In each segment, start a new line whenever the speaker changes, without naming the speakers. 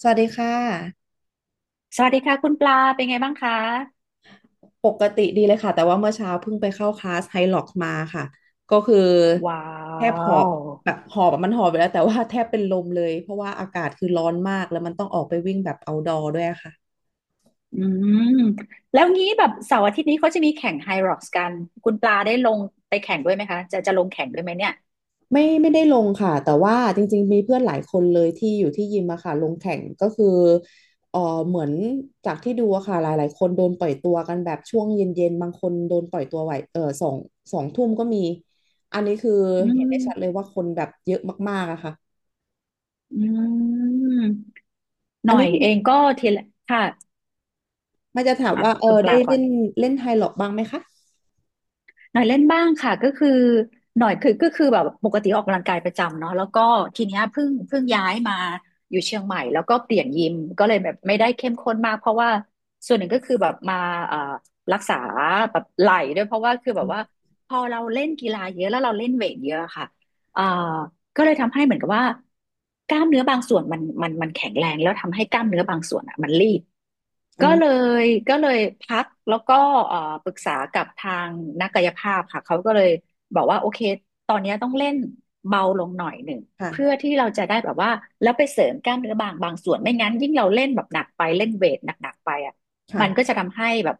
สวัสดีค่ะ
สวัสดีค่ะคุณปลาเป็นไงบ้างคะ
ปกติดีเลยค่ะแต่ว่าเมื่อเช้าเพิ่งไปเข้าคลาสไฮล็อกมาค่ะก็คือ
ว้า
แทบหอบ
ว
แบบหอบอะมันหอบไปแล้วแต่ว่าแทบเป็นลมเลยเพราะว่าอากาศคือร้อนมากแล้วมันต้องออกไปวิ่งแบบเอาท์ดอร์ด้วยค่ะ
อืมแล้วงี้แบบเสาร์อาทิตย์นี้เขาจะมีแข่งไฮร็อกซ์กันคุณปลาได้ลงไปแข่งด้วยไหมคะจะลงแข่งด้วยไหมเนี่ย
ไม่ได้ลงค่ะแต่ว่าจริงๆมีเพื่อนหลายคนเลยที่อยู่ที่ยิมอะค่ะลงแข่งก็คือเออเหมือนจากที่ดูอะค่ะหลายๆคนโดนปล่อยตัวกันแบบช่วงเย็นๆบางคนโดนปล่อยตัวไหวสองทุ่มก็มีอันนี้คือ
อื
เห็นได้ชัดเลย
ม
ว่าคนแบบเยอะมากๆอะค่ะ
อืมห
อั
น่
น
อ
นี้
ยเองก็ทีละค่ะ
มันจะถาม
อ่ะ
ว่า
คุณป
ได้
ลาก่อ
เล่
น
นเล่นไฮล็อกบ้างไหมคะ
หน่อยเล่นบ้างค่ะก็คือหน่อยคือก็คือแบบปกติออกกำลังกายประจำเนาะแล้วก็ทีเนี้ยเพิ่งย้ายมาอยู่เชียงใหม่แล้วก็เปลี่ยนยิมก็เลยแบบไม่ได้เข้มข้นมากเพราะว่าส่วนหนึ่งก็คือแบบมาเอ่อรักษาแบบไหล่ด้วยเพราะว่าคือแบ
อื
บว่า
ม
พอเราเล่นกีฬาเยอะแล้วเราเล่นเวทเยอะค่ะเอ่อก็เลยทำให้เหมือนกับว่ากล้ามเนื้อบางส่วนมันแข็งแรงแล้วทำให้กล้ามเนื้อบางส่วนอ่ะมันรีบ
อื
ก็เล
ม
ยก็เลยพักแล้วก็เอ่อปรึกษากับทางนักกายภาพค่ะเขาก็เลยบอกว่าโอเคตอนเนี้ยต้องเล่นเบาลงหน่อยหนึ่งเพื่อ
ค่ะ
ที่เราจะได้แบบว่าแล้วไปเสริมกล้ามเนื้อบางส่วนไม่งั้นยิ่งเราเล่นแบบหนักไปเล่นเวทหนักๆไปอ่ะมันก็จะ
ค่ะ
ทำให้แบบ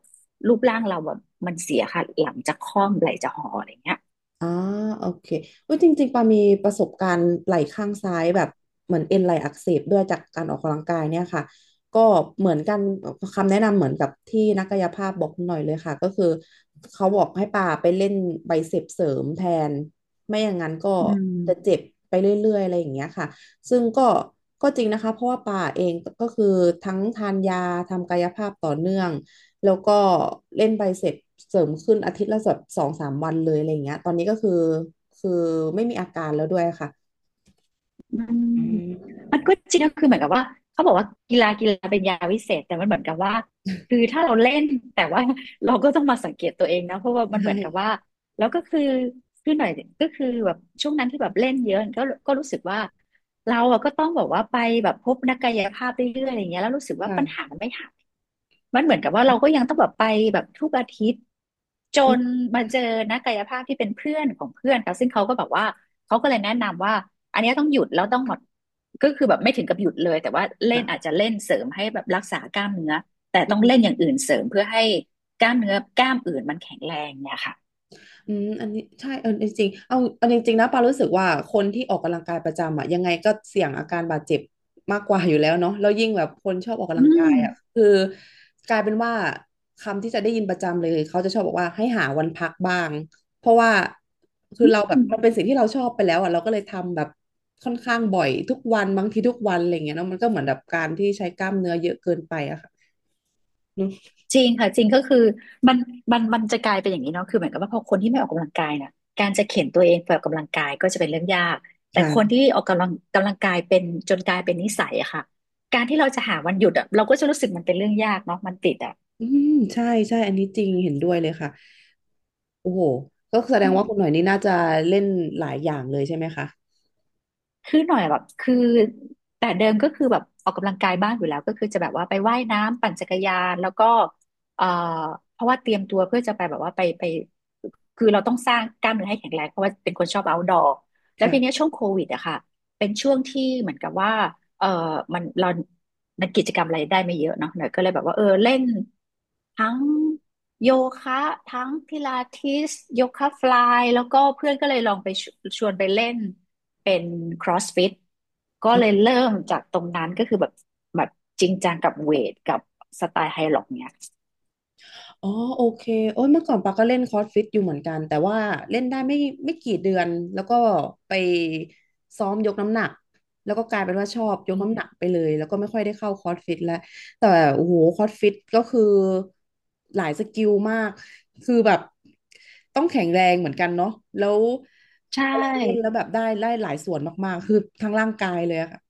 รูปร่างเราแบบมันเสียค่ะหลังจะค่อมไหล่จะห่ออะไรเงี้ย
อ่าโอเคเว้ยจริงๆปามีประสบการณ์ไหล่ข้างซ้ายแบบเหมือนเอ็นไหล่อักเสบด้วยจากการออกกำลังกายเนี่ยค่ะก็เหมือนกันคำแนะนำเหมือนกับที่นักกายภาพบอกหน่อยเลยค่ะก็คือเขาบอกให้ปาไปเล่นไบเซปเสริมแทนไม่อย่างนั้นก็
อื
จะ
ม
เจ็บไปเรื่อยๆอะไรอย่างเงี้ยค่ะซึ่งก็จริงนะคะเพราะว่าปาเองก็คือทั้งทานยาทำกายภาพต่อเนื่อง แล้วก็เล่นไปเสร็จเสริมขึ้นอาทิตย์ละแบบ2-3 วันเลยอะไรอย่างเงี้ยตอนนี้ก็คือคือไม่มีอาการแล้วด้วยค่ะ
อืม
อืม
มันก็จริงก็คือเหมือนกับว่าเขาบอกว่ากีฬาเป็นยาวิเศษแต่มันเหมือนกับว่าคือถ้าเราเล่นแต่ว่า เราก็ต้องมาสังเกตตัวเองนะเพราะว่ามัน
ใช
เหมือนกับว่า
่
แล้วก็คือคือหน่อยก็คือแบบช่วงนั้นที่แบบเล่นเยอะก็ก็รู้สึกว่าเราอะก็ต้องบอกว่าไปแบบพบนักกายภาพเรื่อยๆอะไรเงี้ยแล้วรู้สึกว่าปัญหา
ค่ะ
มันไม่หาย มันเหมือนกับว่าเราก็ยังต้องแบบไปแบบทุกอาทิตย์จ
อืม
นมาเจ
ใช่
อนักกายภาพที่เป็นเพื่อนของเพื่อนค่ะซึ่งเขาก็แบบว่าเขาก็เลยแนะนำว่าอันเนี้ยต้องหยุดแล้วต้องหมดก็คือแบบไม่ถึงกับหยุดเลยแต่ว่าเล่น
ค่ะ
อาจจะเล่นเสริมให้แบบรักษากล้ามเนื้อแต่ต้องเล่นอย่างอื่นเสริมเพื่อให้กล้ามเนื้อกล้ามอื่นมันแข็งแรงเนี่ยค่ะ
อืมอันนี้ใช่จริงๆเอาจริงๆนะปารู้สึกว่าคนที่ออกกำลังกายประจำอ่ะยังไงก็เสี่ยงอาการบาดเจ็บมากกว่าอยู่แล้วเนาะแล้วยิ่งแบบคนชอบออกกำ
อื
ลังกาย
ม
อ่ะคือกลายเป็นว่าคำที่จะได้ยินประจำเลยเขาจะชอบบอกว่าให้หาวันพักบ้างเพราะว่าคือเราแบบมันเป็นสิ่งที่เราชอบไปแล้วอ่ะเราก็เลยทำแบบค่อนข้างบ่อยทุกวันบางทีทุกวันอะไรอย่างเงี้ยเนาะมันก็เหมือนแบบการที่ใช้กล้ามเนื้อเยอะเกินไปอะค่ะเนอะ
จริงค่ะจริงก็คือมันมันจะกลายเป็นอย่างนี้เนาะคือเหมือนกับว่าพอคนที่ไม่ออกกำลังกายน่ะการจะเข็นตัวเองไปออกกำลังกายก็จะเป็นเรื่องยากแต่คน
ค่ะ
ที่ออกกำลังกายเป็นจนกลายเป็นนิสัยอะค่ะการที่เราจะหาวันหยุดอะเราก็จะรู้สึกมันเป็นเรื่องยากเนาะมันติดอะ
อืมใช่ใช่อันนี้จริงเห็นด้วยเลยค่ะ โอ้โหก็แสดงว่าคุณหน่อยนี่น่าจะเล่นหลายอย่างเลยใช่ไหมคะ
คือหน่อยแบบคือแต่เดิมก็คือแบบออกกำลังกายบ้างอยู่แล้วก็คือจะแบบว่าไปว่ายน้ำปั่นจักรยานแล้วก็เอ่อเพราะว่าเตรียมตัวเพื่อจะไปแบบว่าไปคือเราต้องสร้างกล้ามเนื้อให้แข็งแรงเพราะว่าเป็นคนชอบ outdoor แล้วทีเนี้ย
ค่ะ
ช่วงโควิดอะค่ะเป็นช่วงที่เหมือนกับว่าเออมันเรามันกิจกรรมอะไรได้ไม่เยอะเนาะหน่อยก็เลยแบบว่าเออเล่น ทั้งโยคะทั้งพิลาทิสโยคะฟลายแล้วก็เพื่อนก็เลยลองไปชวนไปเล่นเป็น CrossFit ก็เลย
อ่ะ
เริ่มจากตรงนั้นก็คือแบบแบบจริงจังกับเวทกับสไตล์ไฮล็อกเนี่ย
อ๋อโอเคโอ้ยเมื่อก่อนปาก็เล่นคอร์สฟิตอยู่เหมือนกันแต่ว่าเล่นได้ไม่กี่เดือนแล้วก็ไปซ้อมยกน้ำหนักแล้วก็กลายเป็นว่าชอบยกน้ำหนักไปเลยแล้วก็ไม่ค่อยได้เข้าคอร์สฟิตแล้วแต่โอ้โหคอร์สฟิตก็คือหลายสกิลมากคือแบบต้องแข็งแรงเหมือนกันเนาะแล้ว
ใช่
เวลาเล่นแล้วแบบได้หลายส่วนมากๆคือทั้งร่างกายเลยอะค่ะ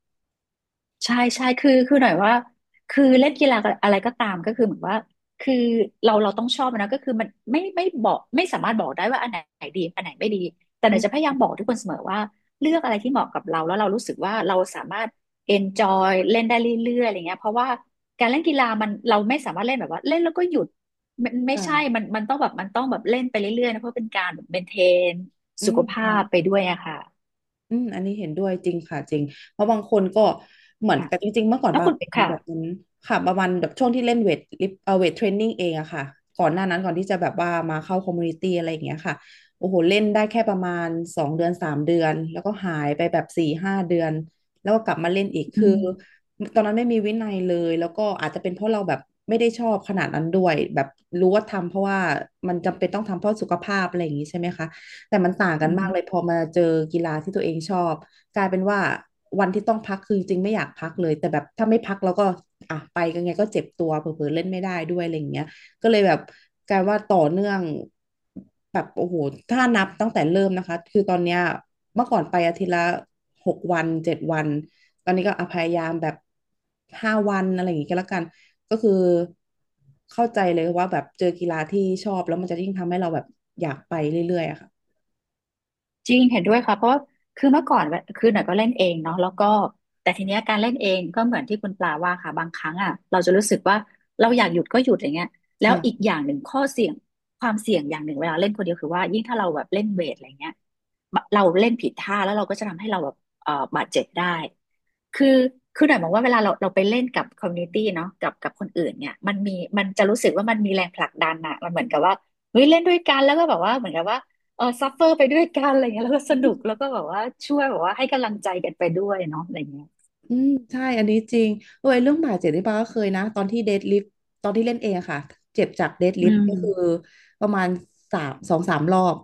ใช่ใช่คือคือหน่อยว่าคือเล่นกีฬาอะไรก็ตามก็คือเหมือนว่าคือเราต้องชอบมันนะก็คือมันไม่บอกไม่สามารถบอกได้ว่าอันไหนดีอันไหนไม่ดีแต่ห
อื
น่อยจะพ
ม
ยายามบอกทุกคนเสมอว่าเลือกอะไรที่เหมาะกับเราแล้วเรารู้สึกว่าเราสามารถ enjoy เล่นได้เรื่อยๆอะไรเงี้ยเพราะว่าการเล่นกีฬามันเราไม่สามารถเล่นแบบว่าเล่นแล้วก็หยุดไมันไม่ใช่
ค่ะ
มันต้องแบบมันต้องแบบเล่นไปเรื่อยๆนะเพราะเป็นการแบบ maintain
อื
สุ
ม
ขภาพ
ค่ะ
ไปด้วยอะค่ะ
อืมอันนี้เห็นด้วยจริงค่ะจริงเพราะบางคนก็เหมือน
ค่ะ
กับจริงๆเมื่อก่อน
แล้ว
ปา
คุณ
เป็น
ค่ะ
แบบนั้นค่ะประมาณแบบช่วงที่เล่นเวทเทรนนิ่งเองอะค่ะก่อนหน้านั้นก่อนที่จะแบบว่ามาเข้าคอมมูนิตี้อะไรอย่างเงี้ยค่ะโอ้โหเล่นได้แค่ประมาณ2 เดือน 3 เดือนแล้วก็หายไปแบบ4-5 เดือนแล้วก็กลับมาเล่นอีก
อื
คือ
ม
ตอนนั้นไม่มีวินัยเลยแล้วก็อาจจะเป็นเพราะเราแบบไม่ได้ชอบขนาดนั้นด้วยแบบรู้ว่าทำเพราะว่ามันจำเป็นต้องทำเพราะสุขภาพอะไรอย่างงี้ใช่ไหมคะ แต่มันต่างกัน
อื
มากเล
ม
ยพอมาเจอกีฬาที่ตัวเองชอบกลายเป็นว่าวันที่ต้องพักคือจริงไม่อยากพักเลยแต่แบบถ้าไม่พักแล้วก็อ่ะไปกันไงก็เจ็บตัวเผลอๆเล่นไม่ได้ด้วยอะไรอย่างเงี้ยก็เลยแบบกลายว่าต่อเนื่องแบบโอ้โหถ้านับตั้งแต่เริ่มนะคะคือตอนเนี้ยเมื่อก่อนไปอาทิตย์ละ6 วัน 7 วันตอนนี้ก็อ่ะพยายามแบบ5 วันอะไรอย่างงี้ก็แล้วกันก็คือเข้าใจเลยว่าแบบเจอกีฬาที่ชอบแล้วมันจะยิ่งทำให้เราแบบอยากไปเรื่อยๆอะค่ะ
จริงเห็นด้วยค่ะเพราะว่าคือเมื่อก่อนคือหน่อยก็เล่นเองเนาะแล้วก็แต่ทีเนี้ยการเล่นเองก็เหมือนที่คุณปลาว่าค่ะบางครั้งอ่ะเราจะรู้สึกว่าเราอยากหยุดก็หยุดอย่างเงี้ยแล้วอีก
ค่ะ
อย่างหนึ่งข้อเสี่ยงความเสี่ยงอย่างหนึ่งเวลาเล่นคนเดียวคือว่ายิ่งถ้าเราแบบเล่นเวทอะไรเงี้ยเราเล่นผิดท่าแล้วเราก็จะทำให้เราแบบบาดเจ็บได้คือคือหน่อยมองว่าเวลาเราไปเล่นกับคอมมูนิตี้เนาะกับคนอื่นเนี่ยมันมีมันจะรู้สึกว่ามันมีแรงผลักดันอะมันเหมือนกับว่าเฮ้ยเล่นด้วยกันแล้วก็แบบว่าเหมือนกับว่า เออซัฟเฟอร์ไปด้วยกันอะไรเงี้ยแล้วก็สนุกแล้วก็แบบว่าช่วยแบบว่าให้กำลังใจกันไปด้วยเนาะอะไรเงี้ย
อืมใช่อันนี้จริงเออไอ้เรื่องบาดเจ็บนี่ปาก็เคยนะตอนที่เดดลิฟต์ตอนที่เล่นเองอะค่ะเจ็บจากเดด
อื
ลิฟต์ก็คือ
ม
ประมาณสองสามรอบ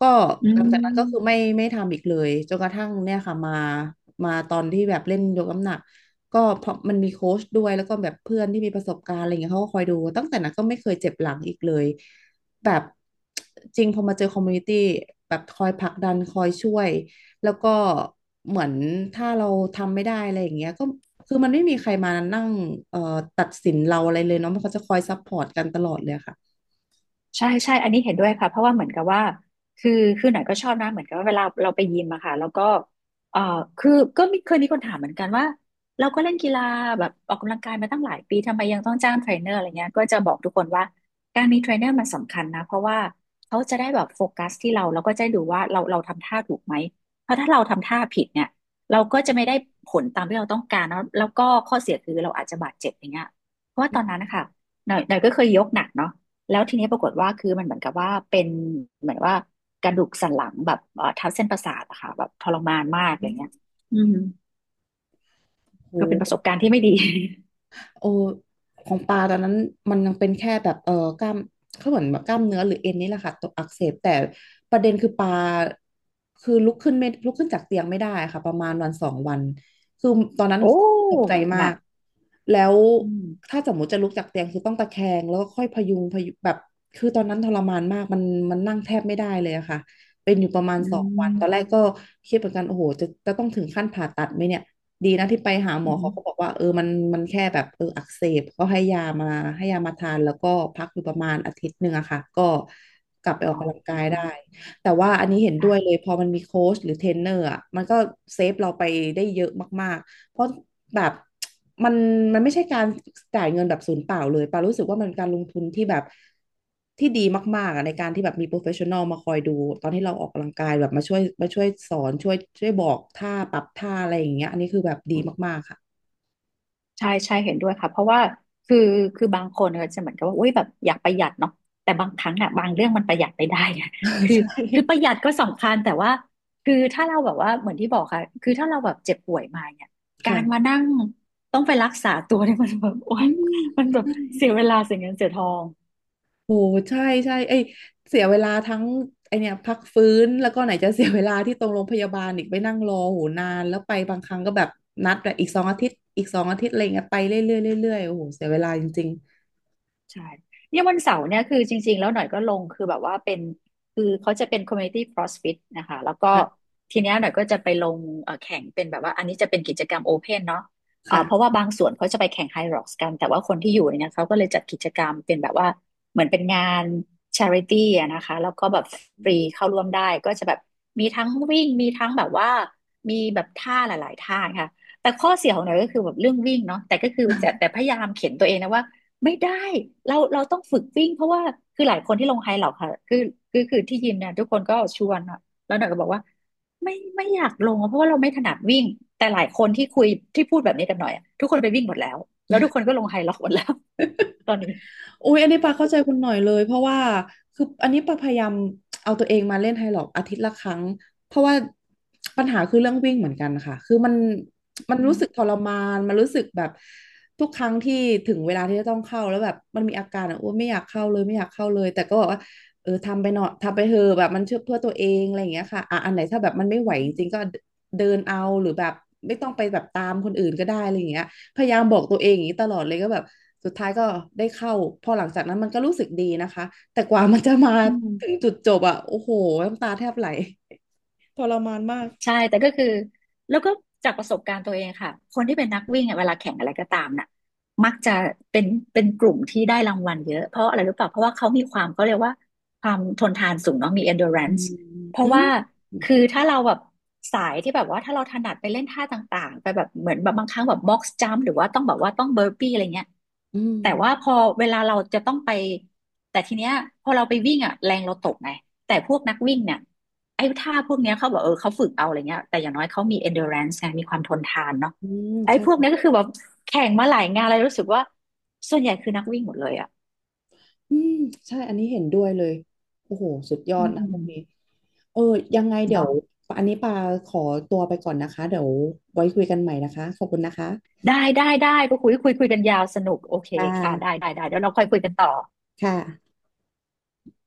ก็
อื
หลังจากนั้นก็คือไม่
ม
ไม่ทำอีกเลยจนกระทั่งเนี่ยค่ะมาตอนที่แบบเล่นยกน้ำหนักก็เพราะมันมีโค้ชด้วยแล้วก็แบบเพื่อนที่มีประสบการณ์อะไรเงี้ยเขาก็คอยดูตั้งแต่นั้นก็ไม่เคยเจ็บหลังอีกเลยแบบจริงพอมาเจอคอมมูนิตี้แบบคอยผลักดันคอยช่วย แล้วก็เหมือนถ้าเราทำไม่ได้อะไรอย่างเงี้ยก็คือมันไม่มีใครมานั่งเอ่อตัดสินเราอะไรเลยเนาะมันเขาจะคอยซัพพอร์ตกันตลอดเลยค่ะ
ใช่ใช่อันนี้เห็นด้วยค่ะเพราะว่าเหมือนกับว่าคือคือหน่อยก็ชอบนะเหมือนกับว่าเวลาเราไปยิมอะค่ะแล้วก็เอ่อคือก็มีเคยมีคนถามเหมือนกันว่าเราก็เล่นกีฬาแบบออกกำลังกายมาตั้งหลายปีทำไมยังต้องจ้างเทรนเนอร์อะไรเงี้ยก็จะบอกทุกคนว่าการมีเทรนเนอร์มันสำคัญนะเพราะว่าเขาจะได้แบบโฟกัสที่เราแล้วก็จะได้ดูว่าเราทำท่าถูกไหมเพราะถ้าเราทำท่าผิดเนี่ยเราก็จะไม่ได้ผลตามที่เราต้องการแล้วก็ข้อเสียคือเราอาจจะบาดเจ็บอย่างเงี้ยเพราะว่าตอนนั้นนะคะหน่อยก็เคยยกหนักเนาะ แล้วทีนี้ปรากฏว่าคือมันเหมือนกับว่าเป็นเหมือนว่ากระดูกสันหลังแบบทับเส้นประสาทอะค่ะแบบทรมานมากอะไรเงี้ยอืม
โ
ก็เป็นประสบ
ห
การณ์ที่ไม่ดี
โอของปลาตอนนั้นมันยังเป็นแค่แบบเออกล้ามเขาเหมือนแบบกล้ามเนื้อหรือเอ็นนี่แหละค่ะตกอักเสบแต่ประเด็นคือปลาคือลุกขึ้นจากเตียงไม่ได้ค่ะประมาณวันสองวันคือตอนนั้ น
โอ้
ตกใจ
ห
มา
นั
ก
ก
แล้ว
อืม
ถ้าสมมติจะลุกจากเตียงคือต้องตะแคงแล้วก็ค่อยพยุงแบบคือตอนนั้นทรมานมากมันนั่งแทบไม่ได้เลยอะค่ะเป็นอยู่ประมาณ
อื
สองวันตอนแรก
ม
ก็คิดเหมือนกันโอ้โหจะต้องถึงขั้นผ่าตัดไหมเนี่ย ดีนะที่ไปหาหม
อื
อเขาก็บอก
ม
ว่าเออมันแค่แบบเอออักเสบก็ให้ยามาทานแล้วก็พักอยู่ประมาณอาทิตย์หนึ่งอะค่ะก็กลับไปออ
อ๋
กกำลัง
อ
กายได้ แต่ว่าอันนี้เห็นด้
ค่ะ
วยเลยพอมันมีโค้ชหรือเทรนเนอร์อ่ะมันก็เซฟเราไปได้เยอะมากๆเพราะแบบมันมันไม่ใช่การจ่ายเงินแบบศูนย์เปล่าเลยปารู้สึกว่ามันการลงทุนที่แบบที่ดีมากๆอ่ะในการที่แบบมีโปรเฟชชั่นอลมาคอยดูตอนที่เราออกกำลังกายแบบมาช่วยสอนช่วยบอกท่าปรับท่าอะไรอย่างเงี้ยอันนี้คือแบบดีมากๆค่ะ
ใช่ใช่เห็นด้วยค่ะเพราะว่าคือคือบางคนก็จะเหมือนกับว่าอุ้ยแบบอยากประหยัดเนาะแต่บางครั้งอะบางเรื่องมันประหยัดไม่ได้ไง คือ
ใช่
คือประหยัดก็สำคัญแต่ว่าคือถ้าเราแบบว่าเหมือนที่บอกค่ะคือถ้าเราแบบเจ็บป่วยมาเนี่ยการมา
ค่ะ
นั่งต้องไปรักษาตัวเนี่ย มันแบบโอ๊
อื
ย
ม
มันแบบ
ใช่
เสียเวลาเสียเงินเสียทอง
โอ้ใช่ใช่ไอยเสียเวลาทั้งไอเนี่ยพักฟื้นแล้วก็ไหนจะ เสียเวลาที่ตรงโรงพยาบาลอีกไปนั่งรอโหนานแล้วไปบางครั้งก็แบบนัดแบบอีกสองอาทิตย์อีกสองอาทิตย์อะไรเงี้ยไปเรื่อยๆเรื่อยๆโอ้โหเสียเวลาจริง
ใช่เนี่ยวันเสาร์เนี่ยคือจริงๆแล้วหน่อยก็ลงคือแบบว่าเป็นคือเขาจะเป็น community CrossFit นะคะแล้วก็
ๆค่ะ
ทีเนี้ยหน่อยก็จะไปลงแข่งเป็นแบบว่าอันนี้จะเป็นกิจกรรมโอเพนเนาะเพราะ
ค่ะ
ว่าบางส่วนเขาจะไปแข่งไฮร็อกซ์กันแต่ว่าคนที่อยู่เนี่ยเขาก็เลยจัดกิจกรรมเป็นแบบว่าเหมือนเป็นงาน charity อะนะคะแล้วก็แบบฟรีเข้าร่วมได้ก็จะแบบมีทั้งวิ่งมีทั้งแบบว่ามีแบบท่าหลายๆท่าค่ะแต่ข้อเสียของหน่อยก็คือแบบเรื่องวิ่งเนาะแต่ก็คือจะแต่พยายามเข็นตัวเองนะว่า ไม่ได้เราต้องฝึกวิ่งเพราะว่าคือหลายคนที่ลงไฮเหลอกค่ะคือที่ยิมเนี่ยทุกคนก็ชวนอะแล้วหน่อยก็บอกว่าไม่อยากลงอะเพราะว่าเราไม่ถนัดวิ่งแต่หลายคนที่คุยที่พูดแบบนี้กับหน่อยอะทุกคนไปวิ่งหมดแล้วแล้วทุกคนก็ลงไฮเหลอกหมดแล้วตอนนี้
อุ้ยอันนี้ปาเข้าใจคุณหน่อยเลยเพราะว่าคืออันนี้ปาพยายามเอาตัวเองมาเล่นไฮล็อกอาทิตย์ละครั้งเพราะว่าปัญหาคือเรื่องวิ่งเหมือนกันค่ะคือมัน
อื
รู้สึกท
ม
รมานมันรู้สึกแบบทุกครั้งที่ถึงเวลาที่จะต้องเข้าแล้วแบบมันมีอาการอ่ะอ้วนไม่อยากเข้าเลยไม่อยากเข้าเลยแต่ก็บอกว่าเออทำไปหน่อยทำไปเถอะแบบมันเชื่อเพื่อตัวเองอะไรอย่างเงี้ยค่ะอ่ะอันไหนถ้าแบบมันไม่ไหวจริงๆก็เดินเอาหรือแบบไม่ต้องไปแบบตามคนอื่นก็ได้อะไรอย่างเงี้ย พยายามบอกตัวเองอย่างนี้ตลอดเลยก็แบบสุดท้ายก็ได้เข้าพอหลังจากนั้นมันก็รู้สึกดีนะคะแต่กว่ามันจะมา
อืม
ถึงจุดจบอะโอ้โหน้ำตาแทบไหลทรมานมาก
ใช่แต่ก็คือแล้วก็จากประสบการณ์ตัวเองค่ะคนที่เป็นนักวิ่งอะเวลาแข่งอะไรก็ตามน่ะมักจะเป็นเป็นกลุ่มที่ได้รางวัลเยอะเพราะอะไรรู้เปล่าเพราะว่าเขามีความเขาเรียกว่าความทนทานสูงเนาะมี
อื
endurance
ม
เพ
อื
ราะ
ม
ว่าคือถ้าเราแบบสายที่แบบว่าถ้าเราถนัดไปเล่นท่าต่างๆไปแบบเหมือนแบบบางครั้งแบบ box jump หรือว่าต้องแบบว่าต้อง burpee อะไรเงี้ย
อืม
แต่ว่าพอเวลาเราจะต้องไปแต่ทีเนี้ยพอเราไปวิ่งอ่ะแรงเราตกไงแต่พวกนักวิ่งเนี่ย ไอ้ท่าพวกเนี้ยเขาบอกเออเขาฝึกเอาอะไรเงี้ยแต่อย่างน้อยเขามี endurance ไงมีความทนทานเนาะ
อืม
ไอ้
ใช่
พวกเนี้ยก็คือแบบแข่งมาหลายงานเลยรู้สึกว่าส่วนใหญ่คือนักวิ่งหมดเลยอ่ะ
อืมใช่อันนี้เห็นด้วยเลยโอ้โหสุดยอ
อื
ดนะพวก
ม
นี้เออยังไงเดี๋ยว
เนาะ
อันนี้ปาขอตัวไปก่อนนะคะเดี๋ยวไว้คุยกันใหม่นะคะขอบคุณนะคะ
ได้ได้ได้ก็คุยกันยาวสนุกโอเค
ค่
ค่ะได้
ะ
ได้ได้เดี๋ยวเราค่อยคุยกันต่อ
ค่ะ